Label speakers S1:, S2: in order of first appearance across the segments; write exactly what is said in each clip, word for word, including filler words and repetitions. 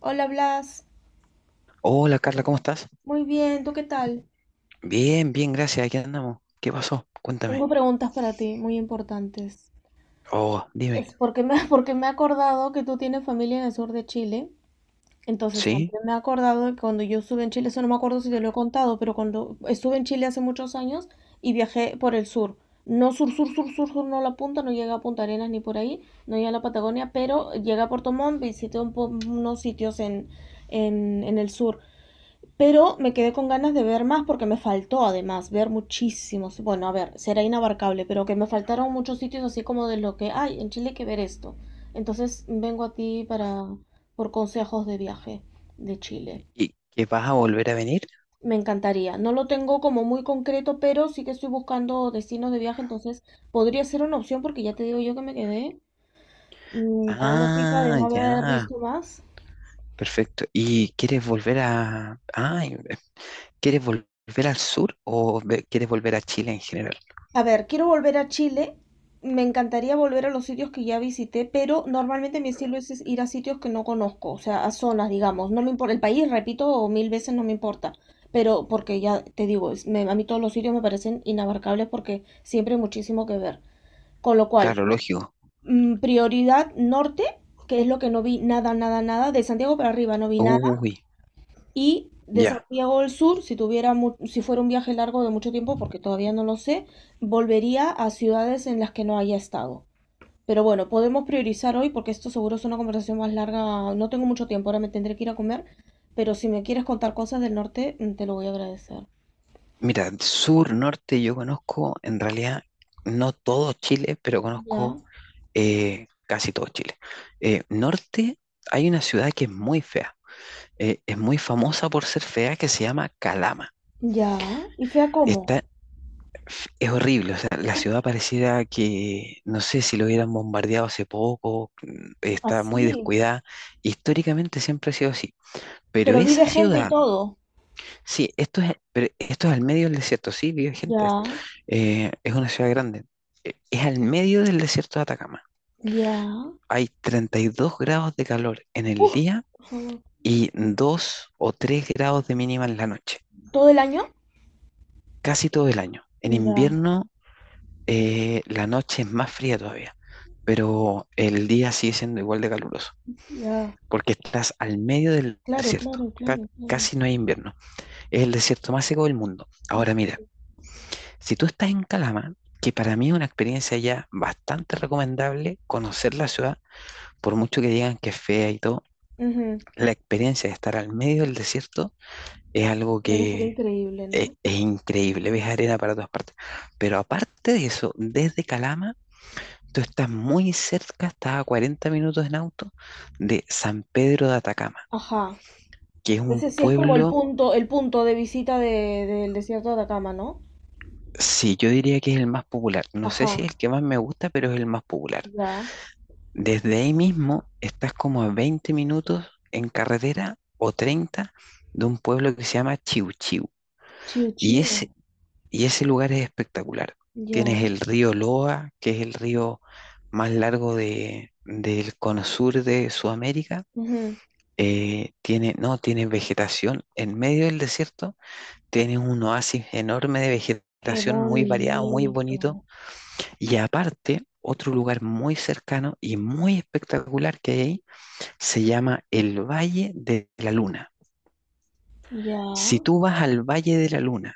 S1: Hola Blas,
S2: Hola Carla, ¿cómo estás?
S1: muy bien, ¿tú qué tal?
S2: Bien, bien, gracias. Aquí andamos. ¿Qué pasó?
S1: Tengo
S2: Cuéntame.
S1: preguntas para ti, muy importantes.
S2: Oh, dime.
S1: Es porque me, porque me he acordado que tú tienes familia en el sur de Chile, entonces
S2: ¿Sí?
S1: también me he acordado que cuando yo estuve en Chile, eso no me acuerdo si te lo he contado, pero cuando estuve en Chile hace muchos años y viajé por el sur, no sur, sur, sur, sur, sur, no la punta, no llegué a Punta Arenas ni por ahí, no llegué a la Patagonia, pero llegué a Puerto Montt, visité un po- unos sitios en, en, en el sur. Pero me quedé con ganas de ver más porque me faltó además ver muchísimos. Bueno, a ver, será inabarcable, pero que me faltaron muchos sitios así como de lo que hay en Chile hay que ver esto. Entonces vengo a ti para por consejos de viaje de Chile.
S2: ¿Y qué vas a volver a venir?
S1: Me encantaría. No lo tengo como muy concreto, pero sí que estoy buscando destinos de viaje, entonces podría ser una opción porque ya te digo yo que me quedé mm, con una pica de
S2: Ah,
S1: no haber
S2: ya.
S1: visto más.
S2: Perfecto. ¿Y quieres volver a... Ah, ¿quieres volver al sur o ve- quieres volver a Chile en general?
S1: A ver, quiero volver a Chile. Me encantaría volver a los sitios que ya visité, pero normalmente mi estilo es es ir a sitios que no conozco, o sea, a zonas, digamos. No me importa el país, repito, mil veces no me importa. Pero porque ya te digo, es- me- a mí todos los sitios me parecen inabarcables porque siempre hay muchísimo que ver. Con lo cual,
S2: Claro, lógico.
S1: mm, prioridad norte, que es lo que no vi nada, nada, nada. De Santiago para arriba no vi nada
S2: Uy,
S1: y de
S2: ya.
S1: Santiago del Sur, si tuviera mu- si fuera un viaje largo de mucho tiempo, porque todavía no lo sé, volvería a ciudades en las que no haya estado. Pero bueno, podemos priorizar hoy porque esto seguro es una conversación más larga. No tengo mucho tiempo, ahora me tendré que ir a comer. Pero si me quieres contar cosas del norte, mm, te lo voy a agradecer.
S2: Mira, sur, norte, yo conozco en realidad no todo Chile, pero conozco
S1: Ya,
S2: eh, casi todo Chile. Eh, norte, hay una ciudad que es muy fea. Eh, es muy famosa por ser fea, que se llama Calama.
S1: ya. ¿Y fea cómo?
S2: Está, es horrible, o sea, la ciudad pareciera que, no sé si lo hubieran bombardeado hace poco, mm, está muy
S1: Así.
S2: descuidada. Históricamente siempre ha sido así. Pero
S1: Pero
S2: esa
S1: vive gente y
S2: ciudad,
S1: todo.
S2: sí, esto es, pero esto es al medio del desierto. Sí, vive gente,
S1: Ya,
S2: eh, es una ciudad grande, eh, es al medio del desierto de Atacama.
S1: ya.
S2: Hay treinta y dos grados de calor en el
S1: Uh,
S2: día
S1: por favor.
S2: y dos o tres grados de mínima en la noche.
S1: ¿Todo el año?
S2: Casi todo el año. En
S1: Ya,
S2: invierno eh, la noche es más fría todavía, pero el día sigue siendo igual de caluroso,
S1: ya.
S2: porque estás al medio del
S1: Claro,
S2: desierto.
S1: claro,
S2: Ca-
S1: claro, claro.
S2: casi no hay invierno. Es el desierto más seco del mundo.
S1: Mm.
S2: Ahora mira, si tú estás en Calama, que para mí es una experiencia ya bastante recomendable conocer la ciudad, por mucho que digan que es fea y todo,
S1: Ujú.
S2: la experiencia de estar al medio del desierto es algo
S1: Debe ser
S2: que.
S1: increíble,
S2: Es,
S1: ¿no?
S2: es increíble, ves arena para todas partes. Pero aparte de eso, desde Calama, tú estás muy cerca, estás a cuarenta minutos en auto de San Pedro de Atacama,
S1: Ajá.
S2: que es un
S1: Ese sí es como el
S2: pueblo,
S1: punto, el punto de visita de, del desierto de Atacama, ¿no?
S2: sí, yo diría que es el más popular. No sé si
S1: Ajá.
S2: es el que más me gusta, pero es el más popular.
S1: Ya.
S2: Desde ahí mismo estás como a veinte minutos en carretera o treinta de un pueblo que se llama Chiu Chiu.
S1: Chiu
S2: Y
S1: chiu.
S2: es Y ese lugar es espectacular. Tienes
S1: Ya.
S2: el río Loa, que es el río más largo de, del cono sur de Sudamérica.
S1: Ujú.
S2: Eh, tiene, no, tiene vegetación en medio del desierto. Tienes un oasis enorme de
S1: Qué
S2: vegetación, muy variado, muy bonito.
S1: bonito.
S2: Y aparte, otro lugar muy cercano y muy espectacular que hay ahí se llama el Valle de la Luna.
S1: Ya.
S2: Si tú vas al Valle de la Luna,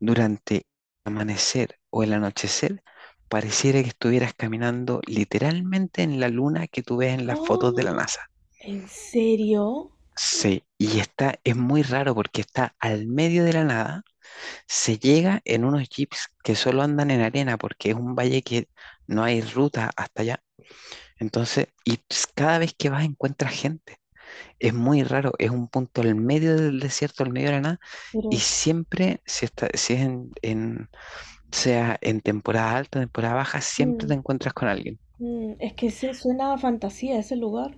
S2: durante el amanecer o el anochecer, pareciera que estuvieras caminando literalmente en la luna que tú ves en las fotos de la
S1: Ah,
S2: NASA.
S1: ¿en serio?
S2: Sí, y está, es muy raro porque está al medio de la nada, se llega en unos jeeps que solo andan en arena porque es un valle que no hay ruta hasta allá. Entonces, y ps- cada vez que vas encuentras gente. Es muy raro, es un punto al medio del desierto, al medio de la nada,
S1: Pero
S2: y
S1: es,
S2: siempre, si, está, si es en, en sea en temporada alta, temporada baja, siempre
S1: mm,
S2: te encuentras con alguien.
S1: mm, es que se suena a fantasía ese lugar.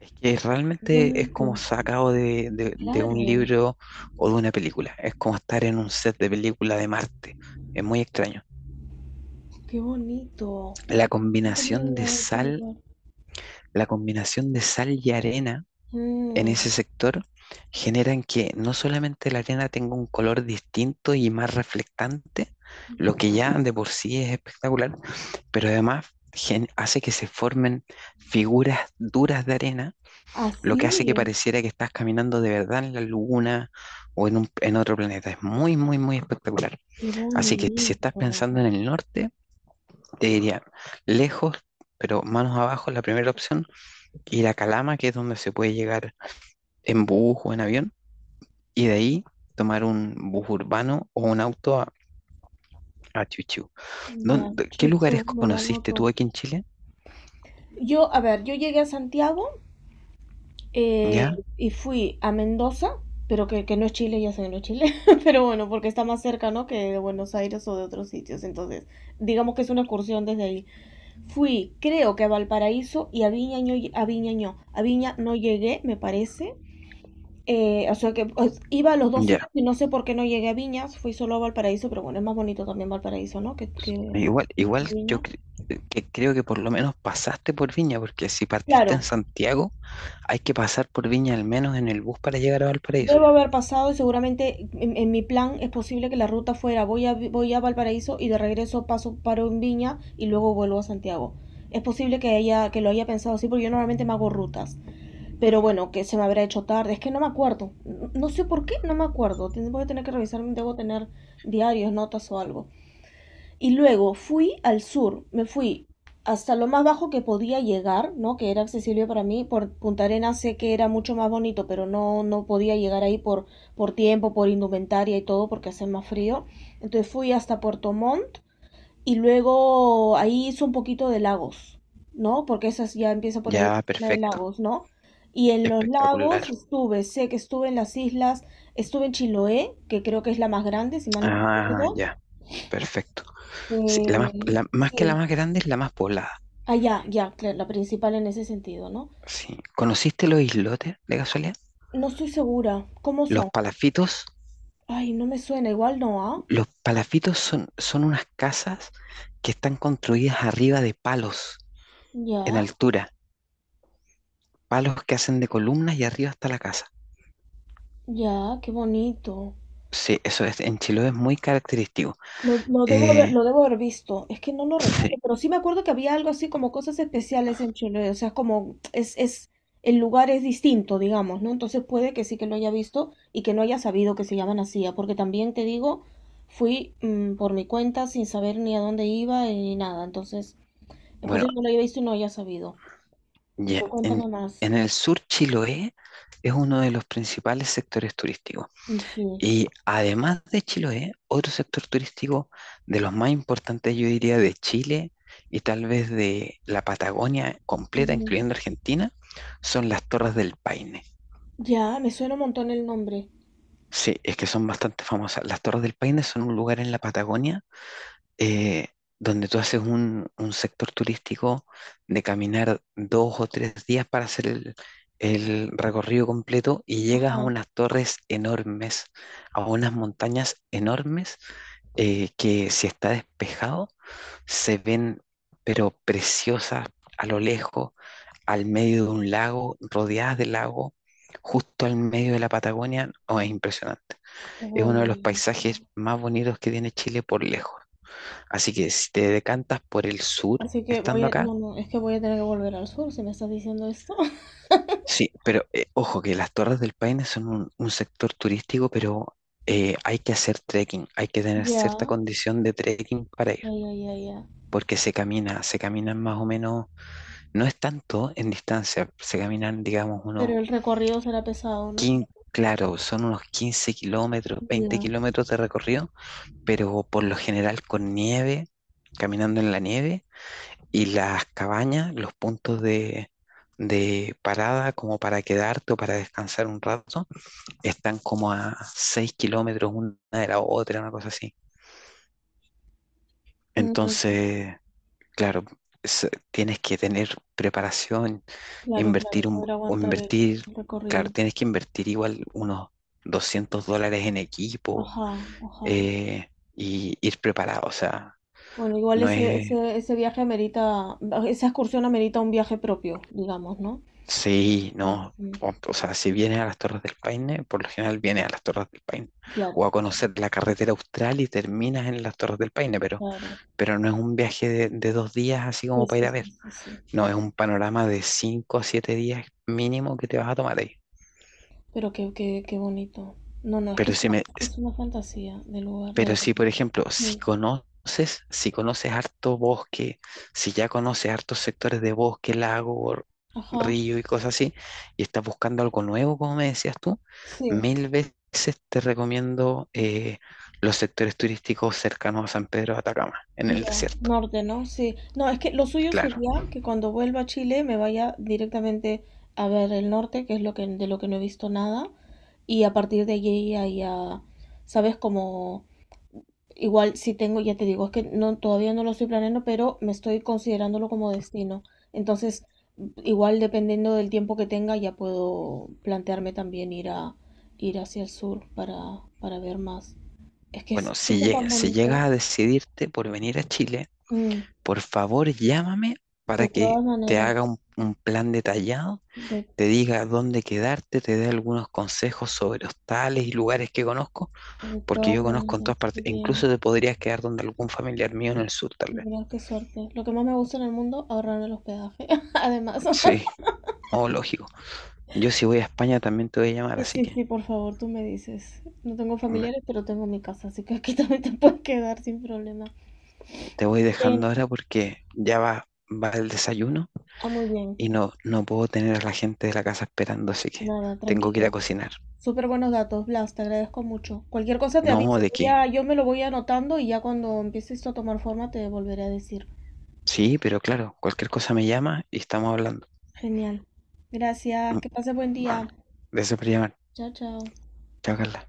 S2: Es que
S1: Qué
S2: realmente es como
S1: bonito.
S2: sacado de, de- de un
S1: Claro.
S2: libro o de una película. Es como estar en un set de película de Marte. Es muy extraño.
S1: Qué bonito.
S2: La
S1: No tenía
S2: combinación de
S1: idea de ese
S2: sal,
S1: lugar.
S2: la combinación de sal y arena en ese
S1: Mm,
S2: sector generan que no solamente la arena tenga un color distinto y más reflectante, lo que ya de por sí es espectacular, pero además gen- hace que se formen figuras duras de arena, lo que hace que
S1: así.
S2: pareciera que estás caminando de verdad en la luna o en, un- en otro planeta. Es muy, muy, muy espectacular.
S1: Qué
S2: Así que si estás pensando
S1: bonito.
S2: en el norte, te diría lejos, pero manos abajo, la primera opción, ir a Calama, que es donde se puede llegar en bus o en avión, y de ahí tomar un bus urbano o un auto a, a Chuchú.
S1: Ya,
S2: ¿Dónde- ¿Qué
S1: chucho,
S2: lugares
S1: me lo
S2: conociste
S1: anoto.
S2: tú aquí en Chile?
S1: Yo, a ver, yo llegué a Santiago eh,
S2: ¿Ya?
S1: y fui a Mendoza, pero que, que no es Chile, ya sé que no es Chile, pero bueno, porque está más cerca, ¿no? Que de Buenos Aires o de otros sitios. Entonces, digamos que es una excursión desde ahí. Fui, creo que a Valparaíso y a Viña, no lle- a Viña no. A Viña no llegué, me parece. Eh, o sea que pues, iba a los dos
S2: Ya,
S1: sitios y no sé por qué no llegué a Viñas, fui solo a Valparaíso, pero bueno, es más bonito también Valparaíso, ¿no? Que, que
S2: Igual, igual yo
S1: Viña.
S2: cre- eh, que creo que por lo menos pasaste por Viña, porque si partiste
S1: Claro,
S2: en Santiago, hay que pasar por Viña al menos en el bus para llegar a Valparaíso.
S1: debo haber pasado y seguramente en, en mi plan es posible que la ruta fuera voy a, voy a Valparaíso y de regreso paso paro en Viña y luego vuelvo a Santiago. Es posible que haya, que lo haya pensado así porque yo normalmente me hago rutas. Pero bueno, que se me habrá hecho tarde, es que no me acuerdo. No sé por qué, no me acuerdo. Ten- Voy a tener que revisar, debo tener diarios, notas o algo. Y luego fui al sur, me fui hasta lo más bajo que podía llegar, ¿no? Que era accesible para mí. Por Punta Arenas sé que era mucho más bonito, pero no, no podía llegar ahí por, por tiempo, por indumentaria y todo, porque hace más frío. Entonces fui hasta Puerto Montt y luego ahí hice un poquito de lagos, ¿no? Porque esas ya empieza por ahí,
S2: Ya,
S1: la zona de
S2: perfecto.
S1: lagos, ¿no? Y en los
S2: Espectacular.
S1: lagos estuve, sé que estuve en las islas, estuve en Chiloé, que creo que es la más grande, si mal no
S2: Ah,
S1: recuerdo.
S2: ya, perfecto. Sí, la más,
S1: Eh,
S2: la- más que la
S1: sí.
S2: más grande es la más poblada.
S1: Ah, ya, ya, claro, la principal en ese sentido, ¿no?
S2: Sí. ¿Conociste los islotes de casualidad?
S1: No estoy segura. ¿Cómo
S2: Los
S1: son?
S2: palafitos,
S1: Ay, no me suena. Igual no, ¿ah?
S2: los palafitos son, son unas casas que están construidas arriba de palos en
S1: Ya,
S2: altura, palos que hacen de columnas y arriba está la casa.
S1: ya, qué bonito.
S2: Sí, eso es, en Chiloé es muy característico.
S1: Lo, lo debo haber,
S2: Eh,
S1: lo debo haber visto. Es que no lo recuerdo,
S2: sí,
S1: pero sí me acuerdo que había algo así como cosas especiales en Chile. O sea, es como es, es, el lugar es distinto, digamos, ¿no? Entonces puede que sí que lo haya visto y que no haya sabido que se llaman así, ¿ah? Porque también te digo, fui mm, por mi cuenta sin saber ni a dónde iba eh, ni nada. Entonces, es
S2: bueno,
S1: posible que no lo haya visto y no haya sabido.
S2: ya,
S1: Pero
S2: en,
S1: cuéntame más.
S2: en el sur Chiloé es uno de los principales sectores turísticos.
S1: Sí.
S2: Y además de Chiloé, otro sector turístico de los más importantes, yo diría, de Chile y tal vez de la Patagonia completa,
S1: Ujú.
S2: incluyendo Argentina, son las Torres del Paine.
S1: Ya, me suena un montón el nombre.
S2: Sí, es que son bastante famosas. Las Torres del Paine son un lugar en la Patagonia, eh, donde tú haces un, un sector turístico de caminar dos o tres días para hacer el, el recorrido completo y llegas a
S1: Ajá,
S2: unas torres enormes, a unas montañas enormes, eh, que si está despejado se ven pero preciosas a lo lejos, al medio de un lago, rodeadas de lago, justo al medio de la Patagonia. Oh, es impresionante.
S1: qué
S2: Es uno de los
S1: bonito.
S2: paisajes más bonitos que tiene Chile por lejos. Así que si te decantas por el sur,
S1: Así que voy
S2: estando
S1: a...
S2: acá,
S1: No, no, es que voy a tener que volver al sur si me estás diciendo esto.
S2: sí, pero eh, ojo que las Torres del Paine son un, un sector turístico, pero eh, hay que hacer trekking, hay que tener
S1: Ya,
S2: cierta condición de trekking para ir,
S1: ya, ya, ya, ya.
S2: porque se camina, se caminan más o menos, no es tanto en distancia, se caminan, digamos, unos
S1: Pero el recorrido será pesado, ¿no?
S2: quince, claro, son unos quince kilómetros, veinte
S1: Ya.
S2: kilómetros de recorrido, pero por lo general con nieve, caminando en la nieve. Y las cabañas, los puntos de, de parada como para quedarte o para descansar un rato, están como a seis kilómetros una de la otra, una cosa así.
S1: Mm,
S2: Entonces, claro, es- tienes que tener preparación,
S1: claro, claro,
S2: invertir un,
S1: poder
S2: o
S1: aguantar el,
S2: invertir,
S1: el
S2: claro,
S1: recorrido.
S2: tienes que invertir igual unos doscientos dólares en equipo,
S1: Ajá, ajá.
S2: eh, y ir preparado, o sea,
S1: Bueno, igual
S2: no
S1: ese,
S2: es,
S1: ese, ese viaje amerita, esa excursión amerita un viaje propio, digamos, ¿no? O
S2: sí,
S1: sea,
S2: no.
S1: sí.
S2: O, o sea, si vienes a las Torres del Paine, por lo general viene a las Torres del Paine. O
S1: Claro,
S2: a
S1: claro,
S2: conocer la carretera austral y terminas en las Torres del Paine, pero,
S1: claro.
S2: pero no es un viaje de, de dos días así como
S1: Sí,
S2: para ir
S1: sí,
S2: a ver.
S1: sí, sí, sí.
S2: No, es un panorama de cinco a siete días mínimo que te vas a tomar ahí.
S1: Pero qué, qué, qué bonito. No, no, es que
S2: Pero
S1: es
S2: si
S1: una,
S2: me,
S1: es una fantasía de lugar, de
S2: Pero si, por
S1: verdad.
S2: ejemplo,
S1: Mm.
S2: si conoces, si conoces harto bosque, si ya conoces hartos sectores de bosque, lago, r-
S1: Ajá,
S2: río y cosas así, y estás buscando algo nuevo, como me decías tú,
S1: sí,
S2: mil veces te recomiendo eh, los sectores turísticos cercanos a San Pedro de Atacama, en el
S1: ya,
S2: desierto.
S1: norte, ¿no? Sí. No, es que lo suyo
S2: Claro.
S1: sería que cuando vuelva a Chile me vaya directamente a ver el norte, que es lo que, de lo que no he visto nada, y a partir de allí ahí a, ¿sabes? Como igual si tengo, ya te digo, es que no, todavía no lo estoy planeando, pero me estoy considerándolo como destino. Entonces, igual dependiendo del tiempo que tenga, ya puedo plantearme también ir a ir hacia el sur para, para ver más. Es que es,
S2: Bueno,
S1: es que
S2: si,
S1: está
S2: lle-
S1: tan
S2: si llegas
S1: bonito.
S2: a decidirte por venir a Chile,
S1: Mm,
S2: por favor llámame
S1: de
S2: para que
S1: todas
S2: te
S1: maneras,
S2: haga un un plan detallado,
S1: de,
S2: te diga dónde quedarte, te dé algunos consejos sobre hostales y lugares que conozco,
S1: de
S2: porque
S1: todas
S2: yo conozco en
S1: maneras,
S2: todas
S1: qué
S2: partes, e
S1: bien.
S2: incluso te podrías quedar donde algún familiar mío en el sur, tal vez.
S1: Mira qué suerte. Lo que más me gusta en el mundo, ahorrarme el hospedaje, además.
S2: Sí, oh, lógico. Yo si voy a España también te voy a llamar,
S1: Sí,
S2: así
S1: sí,
S2: que
S1: sí, por favor, tú me dices. No tengo
S2: me-
S1: familiares, pero tengo mi casa, así que aquí también te puedes quedar sin problema.
S2: te voy
S1: Bien,
S2: dejando ahora porque ya va, va el desayuno
S1: ah, muy bien.
S2: y no, no puedo tener a la gente de la casa esperando, así que
S1: Nada,
S2: tengo que ir a
S1: tranquilo.
S2: cocinar.
S1: Súper buenos datos, Blas, te agradezco mucho. Cualquier cosa te
S2: No,
S1: aviso.
S2: ¿de
S1: Voy
S2: qué?
S1: a- yo me lo voy anotando y ya cuando empiece esto a tomar forma te volveré a decir.
S2: Sí, pero claro, cualquier cosa me llama y estamos hablando.
S1: Genial. Gracias,
S2: Mm,
S1: que pases buen
S2: Bueno,
S1: día.
S2: gracias por llamar.
S1: Chao, chao.
S2: Chao, Carla.